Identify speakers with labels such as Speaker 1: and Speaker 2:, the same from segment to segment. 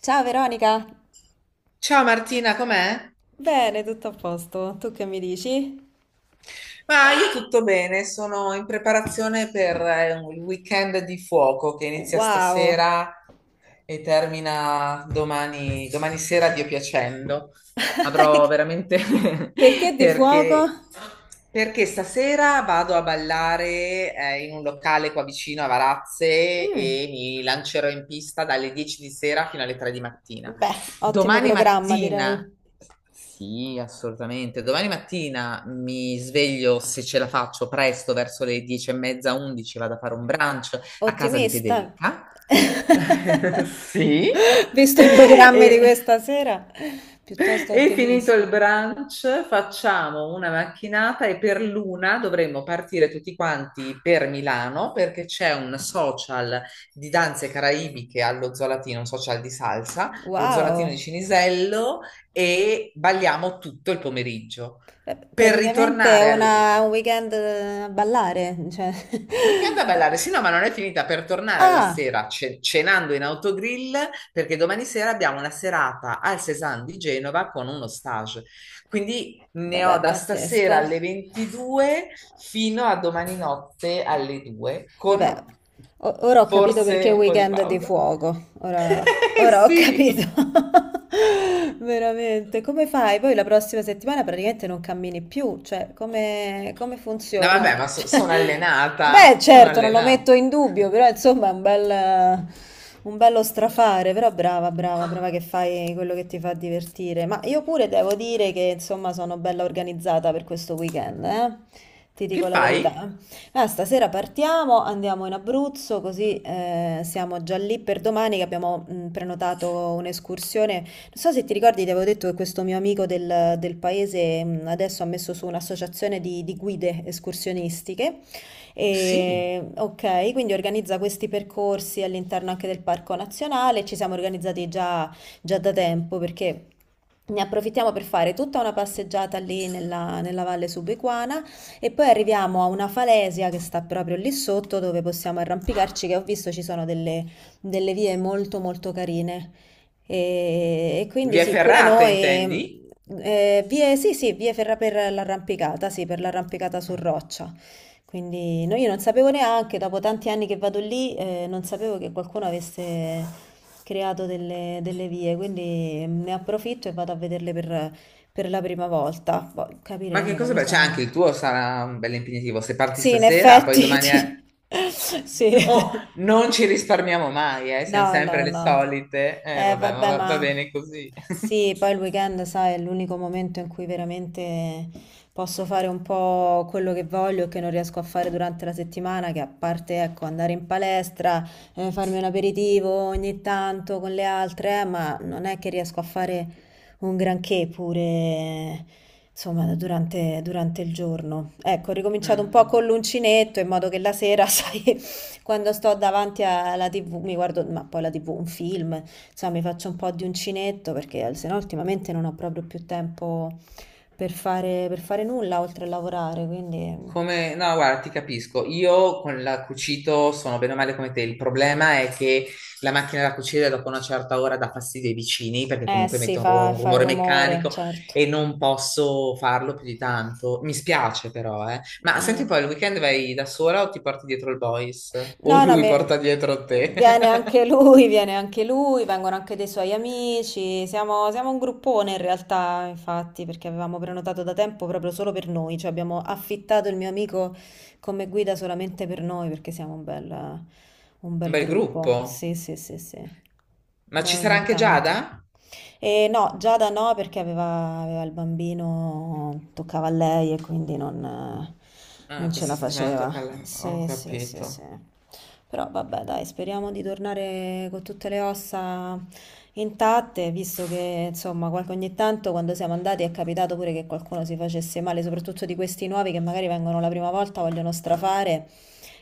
Speaker 1: Ciao Veronica!
Speaker 2: Ciao Martina, com'è?
Speaker 1: Bene, tutto a posto. Tu che mi dici?
Speaker 2: Ma io tutto bene, sono in preparazione per il weekend di fuoco che inizia
Speaker 1: Wow!
Speaker 2: stasera e termina domani, domani sera, Dio piacendo. Avrò veramente
Speaker 1: Perché di fuoco?
Speaker 2: perché, perché stasera vado a ballare in un locale qua vicino a Varazze
Speaker 1: Mm.
Speaker 2: e mi lancerò in pista dalle 10 di sera fino alle 3 di mattina.
Speaker 1: Beh, ottimo
Speaker 2: Domani
Speaker 1: programma, direi.
Speaker 2: mattina, sì, assolutamente, domani mattina mi sveglio se ce la faccio presto verso le 10 e mezza, 11, vado a fare un brunch a casa di
Speaker 1: Ottimista.
Speaker 2: Federica. Sì.
Speaker 1: Visto i programmi di
Speaker 2: E
Speaker 1: questa sera, piuttosto
Speaker 2: e finito
Speaker 1: ottimista.
Speaker 2: il brunch, facciamo una macchinata e per l'una dovremmo partire tutti quanti per Milano perché c'è un social di danze caraibiche allo Zolatino, un social di salsa allo Zolatino di
Speaker 1: Wow!
Speaker 2: Cinisello e balliamo tutto il pomeriggio.
Speaker 1: Eh,
Speaker 2: Per
Speaker 1: Praticamente è
Speaker 2: ritornare al-
Speaker 1: un weekend a ballare, cioè.
Speaker 2: un weekend a ballare, sì, no, ma non è finita, per tornare alla
Speaker 1: Ah!
Speaker 2: sera cenando in autogrill perché domani sera abbiamo una serata al Cézanne di Genova con uno stage. Quindi ne ho
Speaker 1: Vabbè,
Speaker 2: da stasera
Speaker 1: pazzesco.
Speaker 2: alle 22 fino a domani notte alle 2
Speaker 1: Vabbè,
Speaker 2: con
Speaker 1: ora ho capito perché
Speaker 2: forse
Speaker 1: è
Speaker 2: un po' di
Speaker 1: weekend di
Speaker 2: pausa.
Speaker 1: fuoco. Ora,
Speaker 2: Eh
Speaker 1: ora ho capito.
Speaker 2: sì,
Speaker 1: Veramente. Come fai? Poi la prossima settimana praticamente non cammini più. Cioè, come
Speaker 2: no,
Speaker 1: funziona?
Speaker 2: vabbè, ma sono
Speaker 1: Cioè,
Speaker 2: allenata,
Speaker 1: beh,
Speaker 2: sono
Speaker 1: certo, non lo
Speaker 2: allenata.
Speaker 1: metto in dubbio, però insomma è un bel. Un bello strafare, però brava, brava, brava che fai quello che ti fa divertire. Ma io pure devo dire che insomma sono bella organizzata per questo weekend, eh? Ti
Speaker 2: Che
Speaker 1: dico la verità.
Speaker 2: fai?
Speaker 1: Ah, stasera partiamo, andiamo in Abruzzo, così siamo già lì per domani che abbiamo prenotato un'escursione. Non so se ti ricordi, ti avevo detto che questo mio amico del paese adesso ha messo su un'associazione di guide escursionistiche.
Speaker 2: Sì,
Speaker 1: E, ok, quindi organizza questi percorsi all'interno anche del Parco Nazionale. Ci siamo organizzati già da tempo perché ne approfittiamo per fare tutta una passeggiata lì nella valle subequana e poi arriviamo a una falesia che sta proprio lì sotto dove possiamo arrampicarci, che ho visto ci sono delle vie molto molto carine. E quindi
Speaker 2: via
Speaker 1: sì, pure
Speaker 2: Ferrata,
Speaker 1: noi.
Speaker 2: intendi?
Speaker 1: Sì, sì, vie ferra per l'arrampicata, sì, per l'arrampicata su roccia. Quindi no, io non sapevo neanche, dopo tanti anni che vado lì, non sapevo che qualcuno avesse creato delle vie, quindi ne approfitto e vado a vederle per la prima volta. Poi
Speaker 2: Ma che
Speaker 1: capiremo
Speaker 2: cosa
Speaker 1: come
Speaker 2: bello? Cioè,
Speaker 1: sono.
Speaker 2: anche il tuo sarà un bel impegnativo. Se parti
Speaker 1: Sì, in
Speaker 2: stasera, poi
Speaker 1: effetti,
Speaker 2: domani è...
Speaker 1: sì.
Speaker 2: Oh, non ci risparmiamo mai, eh? Siamo
Speaker 1: No,
Speaker 2: sempre
Speaker 1: no,
Speaker 2: le
Speaker 1: no.
Speaker 2: solite. Vabbè, ma
Speaker 1: Vabbè,
Speaker 2: va
Speaker 1: ma
Speaker 2: bene così.
Speaker 1: sì, poi il weekend, sai, è l'unico momento in cui veramente posso fare un po' quello che voglio e che non riesco a fare durante la settimana, che a parte, ecco, andare in palestra, farmi un aperitivo ogni tanto con le altre, ma non è che riesco a fare un granché pure, insomma, durante il giorno. Ecco, ho ricominciato un po'
Speaker 2: Mm.
Speaker 1: con l'uncinetto in modo che la sera, sai, quando sto davanti alla TV mi guardo, ma poi la TV, un film, insomma mi faccio un po' di uncinetto perché sennò ultimamente non ho proprio più tempo per fare nulla oltre a lavorare, quindi.
Speaker 2: Come, no, guarda, ti capisco. Io con la cucito sono bene o male come te. Il problema è che la macchina da cucire dopo una certa ora dà fastidio ai vicini perché
Speaker 1: Eh
Speaker 2: comunque
Speaker 1: sì,
Speaker 2: mette un, ru- un
Speaker 1: fa
Speaker 2: rumore
Speaker 1: rumore,
Speaker 2: meccanico
Speaker 1: certo.
Speaker 2: e non posso farlo più di tanto. Mi spiace però, eh. Ma
Speaker 1: Eh.
Speaker 2: senti poi, il weekend vai da sola o ti porti dietro il boys? O
Speaker 1: No, no,
Speaker 2: lui porta dietro te?
Speaker 1: viene anche lui, viene anche lui, vengono anche dei suoi amici, siamo un gruppone in realtà, infatti, perché avevamo prenotato da tempo proprio solo per noi, cioè abbiamo affittato il mio amico come guida solamente per noi, perché siamo un un
Speaker 2: Un
Speaker 1: bel
Speaker 2: bel gruppo.
Speaker 1: gruppo. Sì, sì, sì, sì.
Speaker 2: Ma
Speaker 1: Beh,
Speaker 2: ci sarà
Speaker 1: ogni
Speaker 2: anche
Speaker 1: tanto.
Speaker 2: Giada?
Speaker 1: E no, Giada no, perché aveva il bambino, toccava a lei e quindi non
Speaker 2: Ah,
Speaker 1: ce
Speaker 2: questa
Speaker 1: la
Speaker 2: settimana
Speaker 1: faceva.
Speaker 2: tocca alla... Ho
Speaker 1: Sì, sì, sì, sì.
Speaker 2: capito.
Speaker 1: Però vabbè, dai, speriamo di tornare con tutte le ossa intatte, visto che insomma, ogni tanto quando siamo andati è capitato pure che qualcuno si facesse male, soprattutto di questi nuovi che magari vengono la prima volta, vogliono strafare.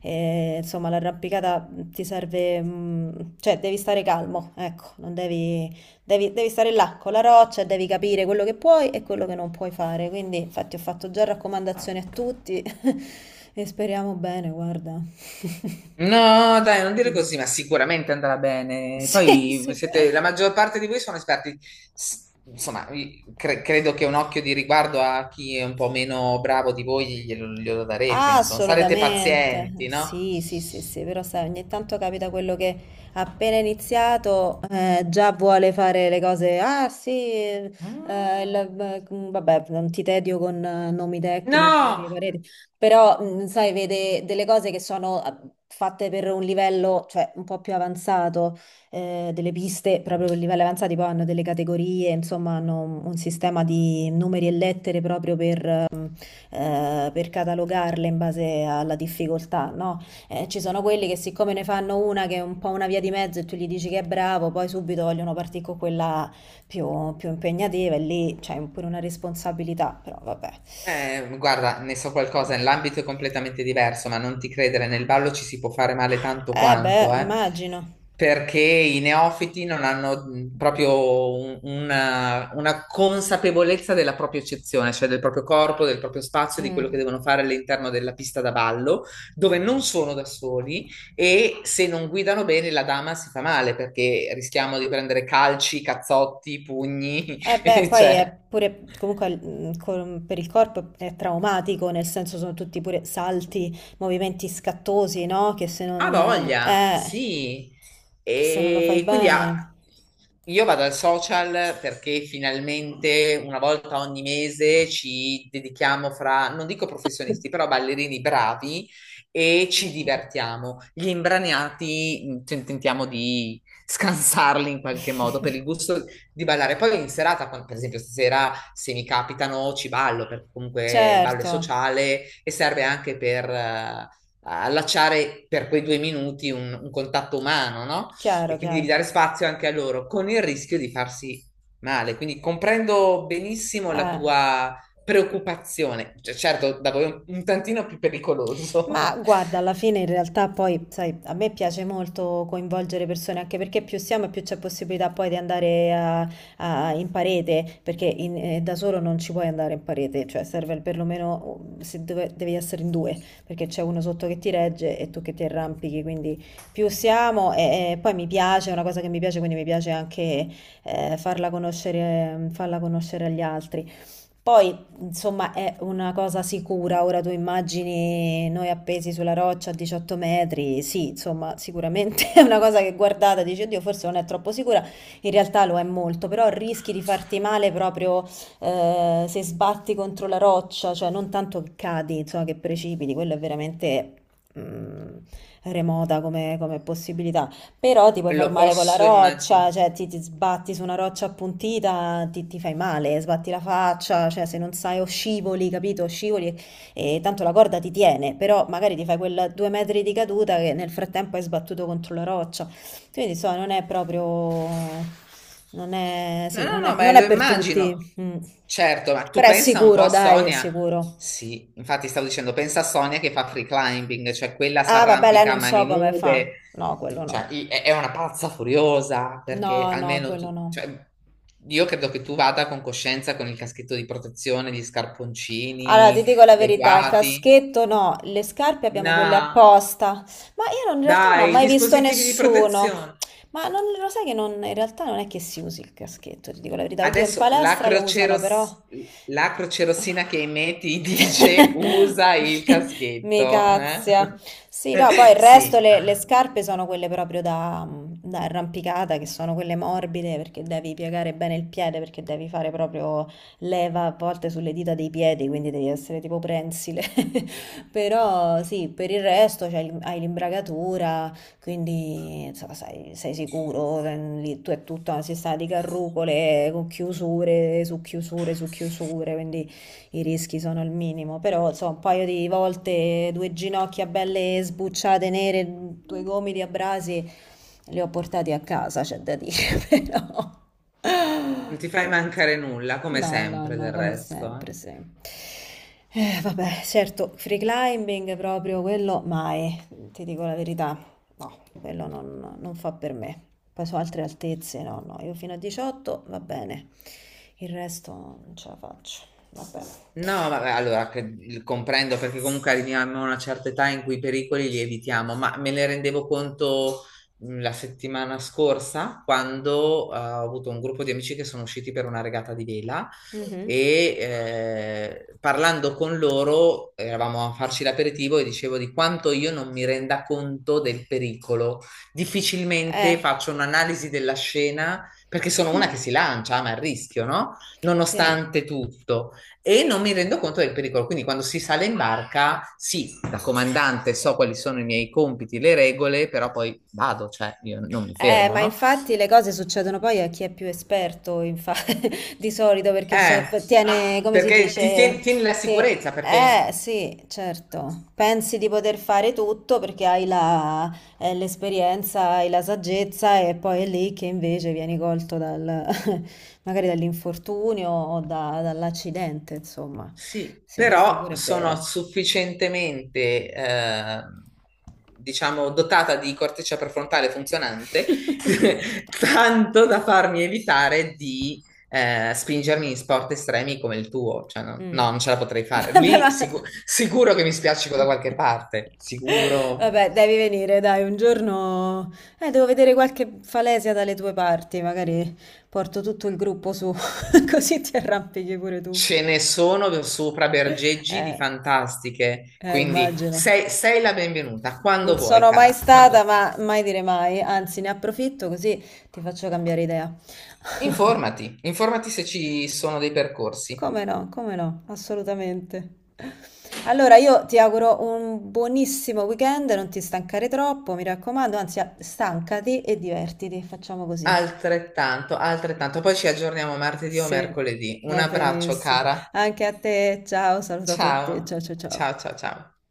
Speaker 1: E, insomma, l'arrampicata ti serve, cioè devi stare calmo, ecco, non devi. Devi stare là con la roccia, e devi capire quello che puoi e quello che non puoi fare. Quindi, infatti, ho fatto già raccomandazioni a tutti e speriamo bene, guarda.
Speaker 2: No, dai, non dire così, ma sicuramente andrà bene.
Speaker 1: Sì,
Speaker 2: Poi
Speaker 1: sì.
Speaker 2: siete, la maggior parte di voi sono esperti. Insomma, credo che un occhio di riguardo a chi è un po' meno bravo di voi glielo darete,
Speaker 1: Ah,
Speaker 2: insomma, sarete
Speaker 1: assolutamente,
Speaker 2: pazienti, no?
Speaker 1: sì, sì, sì, sì, però sai, ogni tanto capita quello che appena iniziato già vuole fare le cose, ah sì,
Speaker 2: Mm.
Speaker 1: vabbè, non ti tedio con nomi tecnici
Speaker 2: No!
Speaker 1: di pareti, però sai, vede delle cose che sono fatte per un livello, cioè un po' più avanzato, delle piste proprio per livelli avanzati, poi hanno delle categorie, insomma hanno un sistema di numeri e lettere proprio per catalogarle in base alla difficoltà, no? Ci sono quelli che siccome ne fanno una che è un po' una via di mezzo e tu gli dici che è bravo, poi subito vogliono partire con quella più impegnativa e lì c'è pure una responsabilità, però vabbè.
Speaker 2: Guarda, ne so qualcosa, l'ambito è completamente diverso, ma non ti credere, nel ballo ci si può fare male tanto
Speaker 1: Eh beh,
Speaker 2: quanto,
Speaker 1: immagino.
Speaker 2: perché i neofiti non hanno proprio una consapevolezza della propria eccezione, cioè del proprio corpo, del proprio spazio, di quello
Speaker 1: Mm.
Speaker 2: che devono fare all'interno della pista da ballo, dove non sono da soli e se non guidano bene la dama si fa male, perché rischiamo di prendere calci, cazzotti, pugni,
Speaker 1: Eh beh, poi
Speaker 2: cioè...
Speaker 1: è pure, comunque per il corpo è traumatico, nel senso sono tutti pure salti, movimenti scattosi, no?
Speaker 2: Ha voglia,
Speaker 1: Eh,
Speaker 2: sì.
Speaker 1: che se non lo fai
Speaker 2: E quindi
Speaker 1: bene.
Speaker 2: io vado al social perché finalmente una volta ogni mese ci dedichiamo fra, non dico professionisti, però ballerini bravi e ci
Speaker 1: Mm-mm.
Speaker 2: divertiamo. Gli imbraniati tentiamo di scansarli in qualche modo per il gusto di ballare. Poi in serata, per esempio stasera, se mi capitano ci ballo perché comunque il ballo è
Speaker 1: Certo,
Speaker 2: sociale e serve anche per, allacciare per quei 2 minuti un contatto umano, no?
Speaker 1: chiaro,
Speaker 2: E quindi devi
Speaker 1: chiaro.
Speaker 2: dare spazio anche a loro, con il rischio di farsi male. Quindi comprendo benissimo la
Speaker 1: Eh.
Speaker 2: tua preoccupazione. Cioè, certo, da voi è un tantino più
Speaker 1: Ma
Speaker 2: pericoloso,
Speaker 1: guarda, alla fine in realtà poi, sai, a me piace molto coinvolgere persone, anche perché più siamo e più c'è possibilità poi di andare in parete, perché da solo non ci puoi andare in parete, cioè serve perlomeno se dove- devi essere in due, perché c'è uno sotto che ti regge e tu che ti arrampichi, quindi più siamo e poi mi piace, è una cosa che mi piace, quindi mi piace anche farla conoscere agli altri. Poi, insomma, è una cosa sicura. Ora tu immagini noi appesi sulla roccia a 18 metri. Sì, insomma, sicuramente è una cosa che guardata e dici, oddio, forse non è troppo sicura. In realtà lo è molto, però rischi di farti male proprio se sbatti contro la roccia, cioè non tanto che cadi, insomma, che precipiti. Quello è veramente mm, remota come possibilità. Però ti puoi far
Speaker 2: lo
Speaker 1: male con la
Speaker 2: posso
Speaker 1: roccia,
Speaker 2: immaginare.
Speaker 1: cioè ti sbatti su una roccia appuntita, ti fai male, sbatti la faccia, cioè se non sai o scivoli, capito? Scivoli e tanto la corda ti tiene, però magari ti fai quel 2 metri di caduta che nel frattempo hai sbattuto contro la roccia. Quindi insomma non è proprio. Non è,
Speaker 2: No,
Speaker 1: sì,
Speaker 2: no,
Speaker 1: non è,
Speaker 2: no, ma
Speaker 1: non
Speaker 2: lo
Speaker 1: è per
Speaker 2: immagino.
Speaker 1: tutti. Mm.
Speaker 2: Certo, ma tu
Speaker 1: Però è
Speaker 2: pensa un po'
Speaker 1: sicuro,
Speaker 2: a
Speaker 1: dai, è
Speaker 2: Sonia.
Speaker 1: sicuro.
Speaker 2: Sì, infatti stavo dicendo, pensa a Sonia che fa free climbing, cioè quella si
Speaker 1: Ah, vabbè, lei
Speaker 2: arrampica a
Speaker 1: non
Speaker 2: mani
Speaker 1: so come fa.
Speaker 2: nude.
Speaker 1: No, quello
Speaker 2: Cioè,
Speaker 1: no.
Speaker 2: è una pazza furiosa perché
Speaker 1: No, no,
Speaker 2: almeno
Speaker 1: quello
Speaker 2: tu,
Speaker 1: no.
Speaker 2: cioè, io credo che tu vada con coscienza con il caschetto di protezione, gli
Speaker 1: Allora,
Speaker 2: scarponcini
Speaker 1: ti dico la verità, il
Speaker 2: adeguati.
Speaker 1: caschetto no, le scarpe abbiamo quelle
Speaker 2: No,
Speaker 1: apposta, ma io in realtà non ho
Speaker 2: dai,
Speaker 1: mai visto
Speaker 2: dispositivi di
Speaker 1: nessuno.
Speaker 2: protezione.
Speaker 1: Ma non, lo sai che in realtà non è che si usi il caschetto, ti dico la verità. Oddio, in
Speaker 2: Adesso la
Speaker 1: palestra lo usano, però.
Speaker 2: croceros- la crocerossina che emetti dice usa il
Speaker 1: Mi
Speaker 2: caschetto. Eh?
Speaker 1: cazia. Sì, no, poi il resto,
Speaker 2: Sì,
Speaker 1: le scarpe sono quelle proprio da arrampicata, che sono quelle morbide, perché devi piegare bene il piede, perché devi fare proprio leva a volte sulle dita dei piedi, quindi devi essere tipo prensile. Però sì, per il resto hai l'imbragatura, quindi insomma, sei sicuro, lì tu è tutta una sistema di carrucole con chiusure su chiusure su chiusure, quindi i rischi sono al minimo. Però insomma, un paio di volte, due ginocchia belle sbucciate nere, due gomiti a brasi, li ho portati a casa, c'è da dire, però.
Speaker 2: non ti fai
Speaker 1: però, insomma.
Speaker 2: mancare nulla, come
Speaker 1: No, no,
Speaker 2: sempre del
Speaker 1: no, come
Speaker 2: resto.
Speaker 1: sempre,
Speaker 2: Eh.
Speaker 1: sì. Vabbè, certo, free climbing proprio quello mai, ti dico la verità, no, quello non fa per me. Poi su altre altezze, no, no, io fino a 18 va bene, il resto non ce la faccio, vabbè.
Speaker 2: No, vabbè, allora comprendo perché comunque arriviamo a una certa età in cui i pericoli li evitiamo, ma me ne rendevo conto la settimana scorsa quando ho avuto un gruppo di amici che sono usciti per una regata di vela
Speaker 1: Mhm.
Speaker 2: e parlando con loro eravamo a farci l'aperitivo e dicevo di quanto io non mi renda conto del pericolo.
Speaker 1: Eh,
Speaker 2: Difficilmente faccio un'analisi della scena perché sono una che si lancia, ma a rischio, no?
Speaker 1: sì.
Speaker 2: Nonostante tutto e non mi rendo conto del pericolo. Quindi quando si sale in barca, sì, da comandante so quali sono i miei compiti, le regole, però poi vado, cioè io non mi
Speaker 1: Eh,
Speaker 2: fermo,
Speaker 1: ma
Speaker 2: no?
Speaker 1: infatti le cose succedono poi a chi è più esperto, di solito, perché
Speaker 2: Eh,
Speaker 1: tiene, come si
Speaker 2: perché ti
Speaker 1: dice,
Speaker 2: tieni, tieni la
Speaker 1: te.
Speaker 2: sicurezza, perché
Speaker 1: Eh sì, certo, pensi di poter fare tutto perché l'esperienza, hai la saggezza e poi è lì che invece vieni colto magari dall'infortunio o dall'accidente, insomma.
Speaker 2: sì,
Speaker 1: Sì, questo
Speaker 2: però
Speaker 1: pure è
Speaker 2: sono
Speaker 1: vero.
Speaker 2: sufficientemente, diciamo, dotata di corteccia prefrontale funzionante, tanto da farmi evitare di spingermi in sport estremi come il tuo. Cioè, no,
Speaker 1: Mh.
Speaker 2: no, non ce la potrei fare.
Speaker 1: Vabbè,
Speaker 2: Lì
Speaker 1: ma
Speaker 2: sicuro che mi spiaccico da qualche parte, sicuro.
Speaker 1: Vabbè, devi venire, dai, un giorno devo vedere qualche falesia dalle tue parti, magari porto tutto il gruppo su, così ti arrampichi pure tu.
Speaker 2: Ce ne sono sopra bergeggi di
Speaker 1: Eh,
Speaker 2: fantastiche,
Speaker 1: eh,
Speaker 2: quindi
Speaker 1: immagino.
Speaker 2: sei la benvenuta, quando
Speaker 1: Non
Speaker 2: vuoi,
Speaker 1: sono mai
Speaker 2: cara, quando
Speaker 1: stata,
Speaker 2: vuoi.
Speaker 1: ma mai dire mai, anzi, ne approfitto così ti faccio cambiare idea.
Speaker 2: Informati, informati se ci sono dei percorsi.
Speaker 1: Come no, come no, assolutamente. Allora, io ti auguro un buonissimo weekend, non ti stancare troppo, mi raccomando, anzi, stancati e divertiti, facciamo così.
Speaker 2: Altrettanto, altrettanto. Poi ci aggiorniamo martedì o
Speaker 1: Sì,
Speaker 2: mercoledì. Un
Speaker 1: va
Speaker 2: abbraccio,
Speaker 1: benissimo.
Speaker 2: cara.
Speaker 1: Anche a te, ciao, saluto a tutti,
Speaker 2: Ciao,
Speaker 1: ciao ciao ciao.
Speaker 2: ciao, ciao, ciao.